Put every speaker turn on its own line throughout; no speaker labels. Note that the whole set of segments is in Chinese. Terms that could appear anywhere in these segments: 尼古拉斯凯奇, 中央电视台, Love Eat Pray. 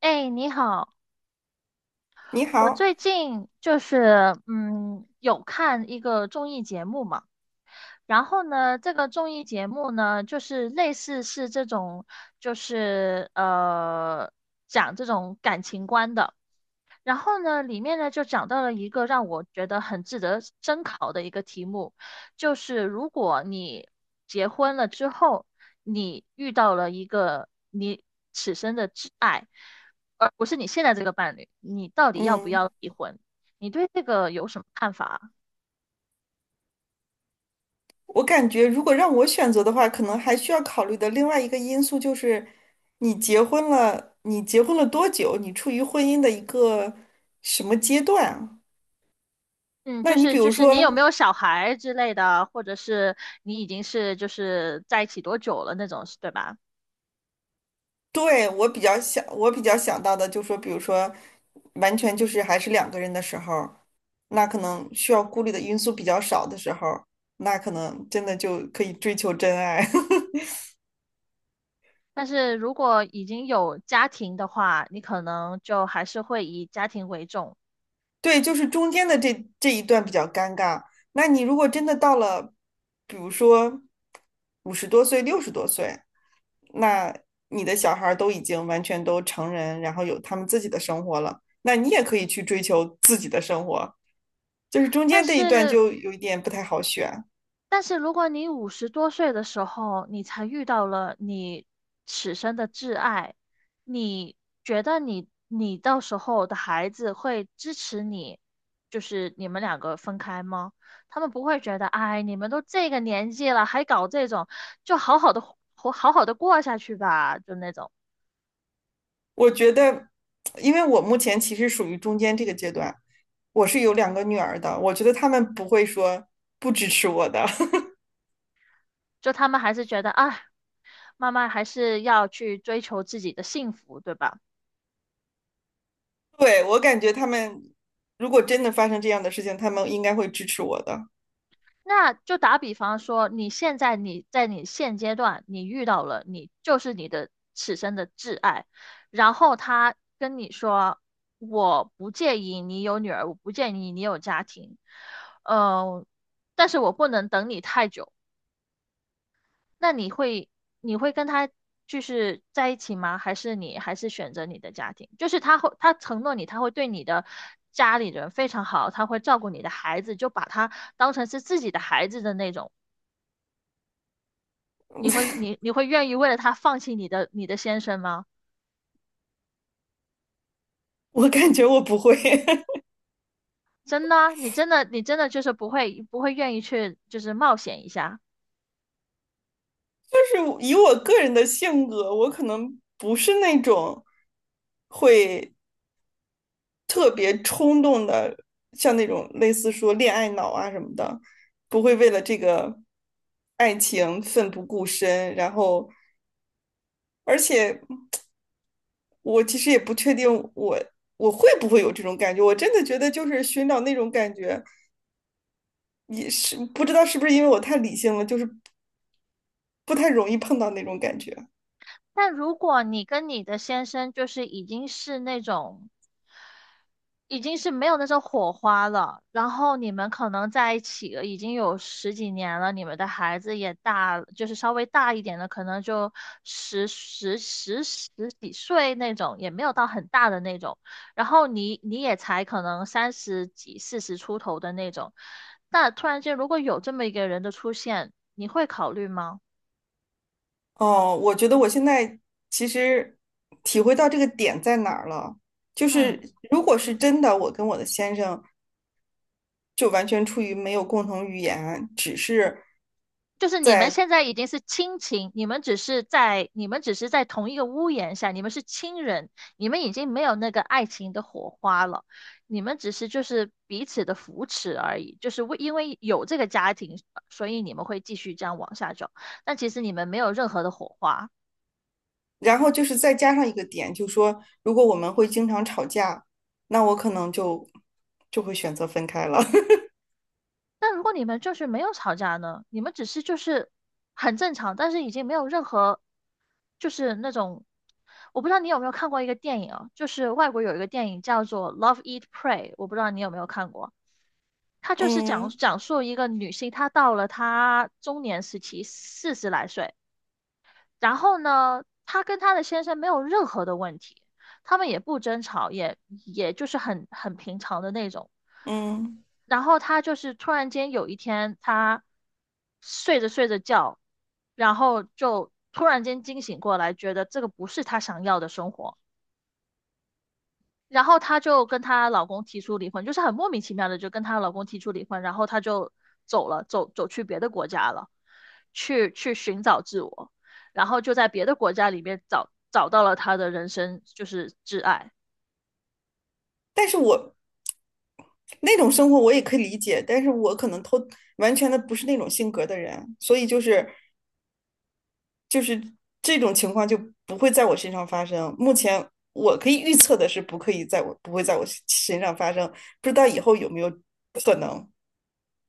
哎，你好，
你
我
好，
最近就是有看一个综艺节目嘛，然后呢，这个综艺节目呢，就是类似是这种，就是讲这种感情观的。然后呢，里面呢就讲到了一个让我觉得很值得深考的一个题目，就是如果你结婚了之后，你遇到了一个你此生的挚爱，而不是你现在这个伴侣，你到底要不
嗯，
要离婚？你对这个有什么看法啊。
我感觉如果让我选择的话，可能还需要考虑的另外一个因素就是，你结婚了，多久？你处于婚姻的一个什么阶段啊。
嗯，
那
就
你比
是就
如
是你
说，
有没有小孩之类的，或者是你已经是就是在一起多久了那种，对吧？
对，我比较想到的就是说，比如说，完全就是还是两个人的时候，那可能需要顾虑的因素比较少的时候，那可能真的就可以追求真爱。
但是如果已经有家庭的话，你可能就还是会以家庭为重。
对，就是中间的这一段比较尴尬。那你如果真的到了，比如说五十多岁、六十多岁，那你的小孩儿都已经完全都成人，然后有他们自己的生活了，那你也可以去追求自己的生活。就是中
但
间这一段
是，
就有一点不太好选。
但是如果你五十多岁的时候，你才遇到了你此生的挚爱，你觉得你到时候的孩子会支持你，就是你们两个分开吗？他们不会觉得，哎，你们都这个年纪了，还搞这种，就好好的活，好好的过下去吧，就那种。
我觉得，因为我目前其实属于中间这个阶段，我是有两个女儿的，我觉得他们不会说不支持我的。
就他们还是觉得啊，慢慢还是要去追求自己的幸福，对吧？
对，我感觉他们如果真的发生这样的事情，他们应该会支持我的。
那就打比方说，你现阶段你遇到了你就是你的此生的挚爱，然后他跟你说我不介意你有女儿，我不介意你有家庭，嗯、呃但是我不能等你太久。那你会你会跟他就是在一起吗？还是你还是选择你的家庭？就是他承诺你，他会对你的家里人非常好，他会照顾你的孩子，就把他当成是自己的孩子的那种。你会愿意为了他放弃你的先生吗？
我感觉我不会。
真的啊你真的就是不会愿意去就是冒险一下。
就是以我个人的性格，我可能不是那种会特别冲动的，像那种类似说恋爱脑啊什么的，不会为了这个爱情奋不顾身。然后，而且我其实也不确定我我会不会有这种感觉，我真的觉得就是寻找那种感觉。也是不知道是不是因为我太理性了，就是不太容易碰到那种感觉。
但如果你跟你的先生就是已经是那种。已经是没有那种火花了，然后你们可能在一起了已经有十几年了，你们的孩子也大了就是稍微大一点的，可能就十几岁那种，也没有到很大的那种，然后你也才可能三十几、四十出头的那种，那突然间如果有这么一个人的出现，你会考虑吗？
哦，我觉得我现在其实体会到这个点在哪儿了，就
嗯。
是如果是真的，我跟我的先生就完全出于没有共同语言，只是
就是你们
在，
现在已经是亲情，你们只是在同一个屋檐下，你们是亲人，你们已经没有那个爱情的火花了，你们只是就是彼此的扶持而已，就是为因为有这个家庭，所以你们会继续这样往下走，但其实你们没有任何的火花。
然后就是再加上一个点，就说如果我们会经常吵架，那我可能就会选择分开了。
但如果你们就是没有吵架呢？你们只是就是很正常，但是已经没有任何就是那种，我不知道你有没有看过一个电影啊，就是外国有一个电影叫做《Love Eat Pray》，我不知道你有没有看过。它就是
嗯
讲述一个女性，她到了她中年时期，四十来岁，然后呢，她跟她的先生没有任何的问题，他们也不争吵，也也就是很平常的那种。
嗯，
然后她就是突然间有一天，她睡着觉，然后就突然间惊醒过来，觉得这个不是她想要的生活。然后她就跟她老公提出离婚，就是很莫名其妙的就跟她老公提出离婚，然后她就走了，走去别的国家了，去寻找自我，然后就在别的国家里面找到了她的人生就是挚爱。
但是我那种生活我也可以理解，但是我可能偷完全的不是那种性格的人，所以就是这种情况就不会在我身上发生。目前我可以预测的是，不可以在我不会在我身上发生，不知道以后有没有可能。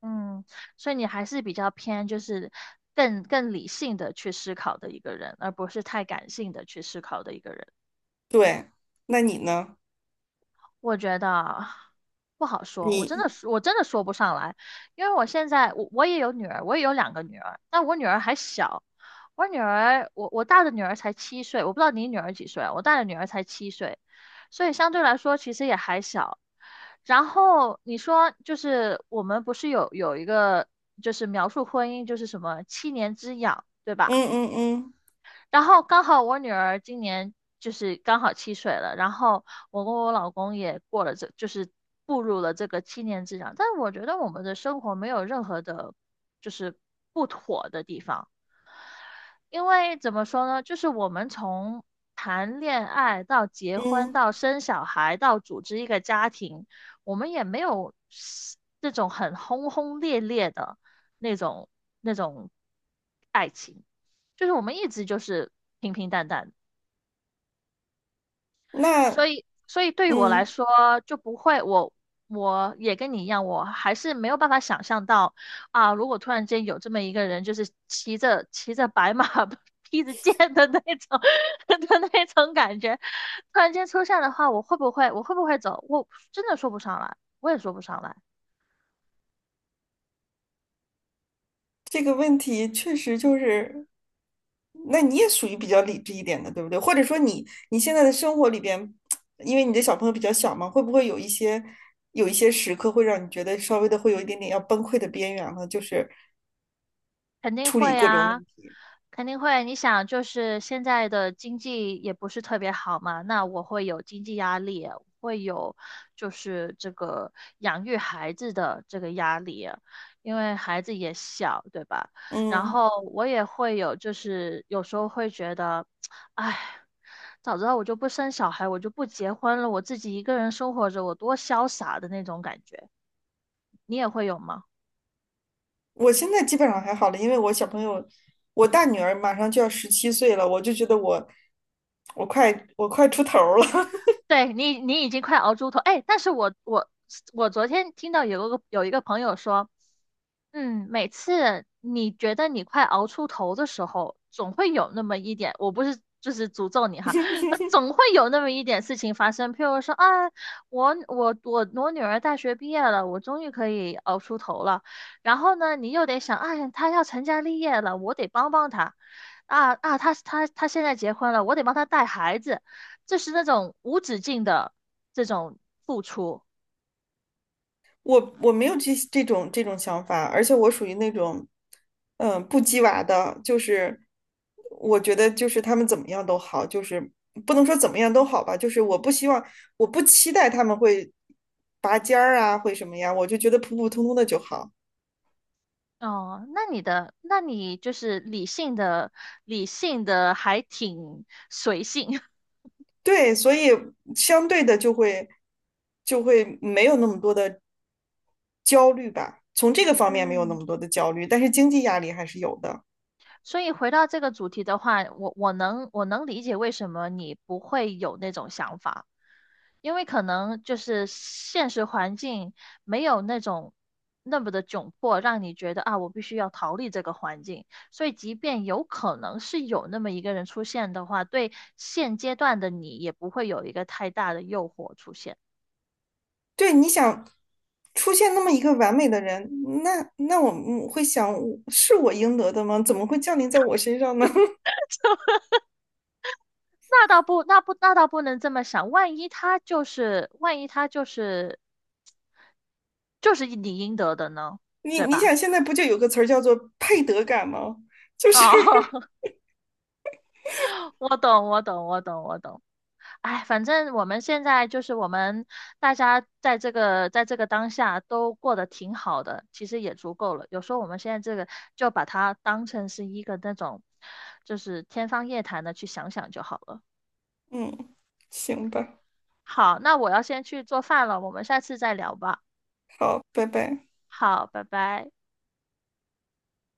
嗯，所以你还是比较偏就是更理性的去思考的一个人，而不是太感性的去思考的一个人。
对，那你呢？
我觉得不好说，
你
我真的说不上来，因为我现在我也有女儿，我也有两个女儿，但我女儿还小，我大的女儿才七岁，我不知道你女儿几岁啊，我大的女儿才七岁，所以相对来说其实也还小。然后你说就是我们不是有一个就是描述婚姻就是什么七年之痒，对
嗯
吧？
嗯嗯
然后刚好我女儿今年就是刚好七岁了，然后我跟我老公也过了这，就是步入了这个七年之痒。但是我觉得我们的生活没有任何的，就是不妥的地方。因为怎么说呢，就是我们从谈恋爱到结婚
嗯，
到生小孩到组织一个家庭，我们也没有那种很轰轰烈烈的那种那种爱情，就是我们一直就是平平淡淡的。所
那
以，所以对于我来
嗯
说就不会，我也跟你一样，我还是没有办法想象到啊，如果突然间有这么一个人，就是骑着白马 披着剑的那种 的那种感觉，突然间出现的话，我会不会走？我真的说不上来，我也说不上来。
这个问题确实就是，那你也属于比较理智一点的，对不对？或者说你现在的生活里边，因为你的小朋友比较小嘛，会不会有一些时刻会让你觉得稍微的会有一点点要崩溃的边缘了？就是
肯定
处理
会
各种
啊，
问题。
肯定会。你想，就是现在的经济也不是特别好嘛，那我会有经济压力，会有就是这个养育孩子的这个压力，因为孩子也小，对吧？然
嗯，
后我也会有，就是有时候会觉得，哎，早知道我就不生小孩，我就不结婚了，我自己一个人生活着，我多潇洒的那种感觉。你也会有吗？
我现在基本上还好了，因为我小朋友，我大女儿马上就要17岁了，我就觉得我快出头儿了。
对你，你已经快熬猪头。哎，但是我我昨天听到有一个朋友说，嗯，每次你觉得你快熬出头的时候，总会有那么一点，我不是就是诅咒你哈，总会有那么一点事情发生。譬如说啊，我女儿大学毕业了，我终于可以熬出头了。然后呢，你又得想，哎呀她要成家立业了，我得帮帮她。啊啊，她现在结婚了，我得帮她带孩子。这是那种无止境的这种付出。
我没有这种这种想法，而且我属于那种，不鸡娃的，就是我觉得就是他们怎么样都好，就是不能说怎么样都好吧，就是我不希望，我不期待他们会拔尖儿啊，会什么呀，我就觉得普普通通的就好。
哦，那你的，那你就是理性的，理性的还挺随性。
对，所以相对的就会没有那么多的焦虑吧，从这个方面没有那
嗯，
么多的焦虑，但是经济压力还是有的。
所以回到这个主题的话，我能理解为什么你不会有那种想法，因为可能就是现实环境没有那种那么的窘迫，让你觉得啊，我必须要逃离这个环境。所以，即便有可能是有那么一个人出现的话，对现阶段的你也不会有一个太大的诱惑出现。
对，你想出现那么一个完美的人，那我们会想，是我应得的吗？怎么会降临在我身上呢？
那倒不，那不，那倒不能这么想。万一他就是，就是你应得的呢，
你
对
你
吧？
想，现在不就有个词儿叫做配得感吗？就是，
哦，我懂，我懂。哎，反正我们大家在这个当下都过得挺好的，其实也足够了。有时候我们现在这个就把它当成是一个那种，就是天方夜谭的去想想就好了。
嗯，行吧，
好，那我要先去做饭了，我们下次再聊吧。
好，拜拜。
好，拜拜。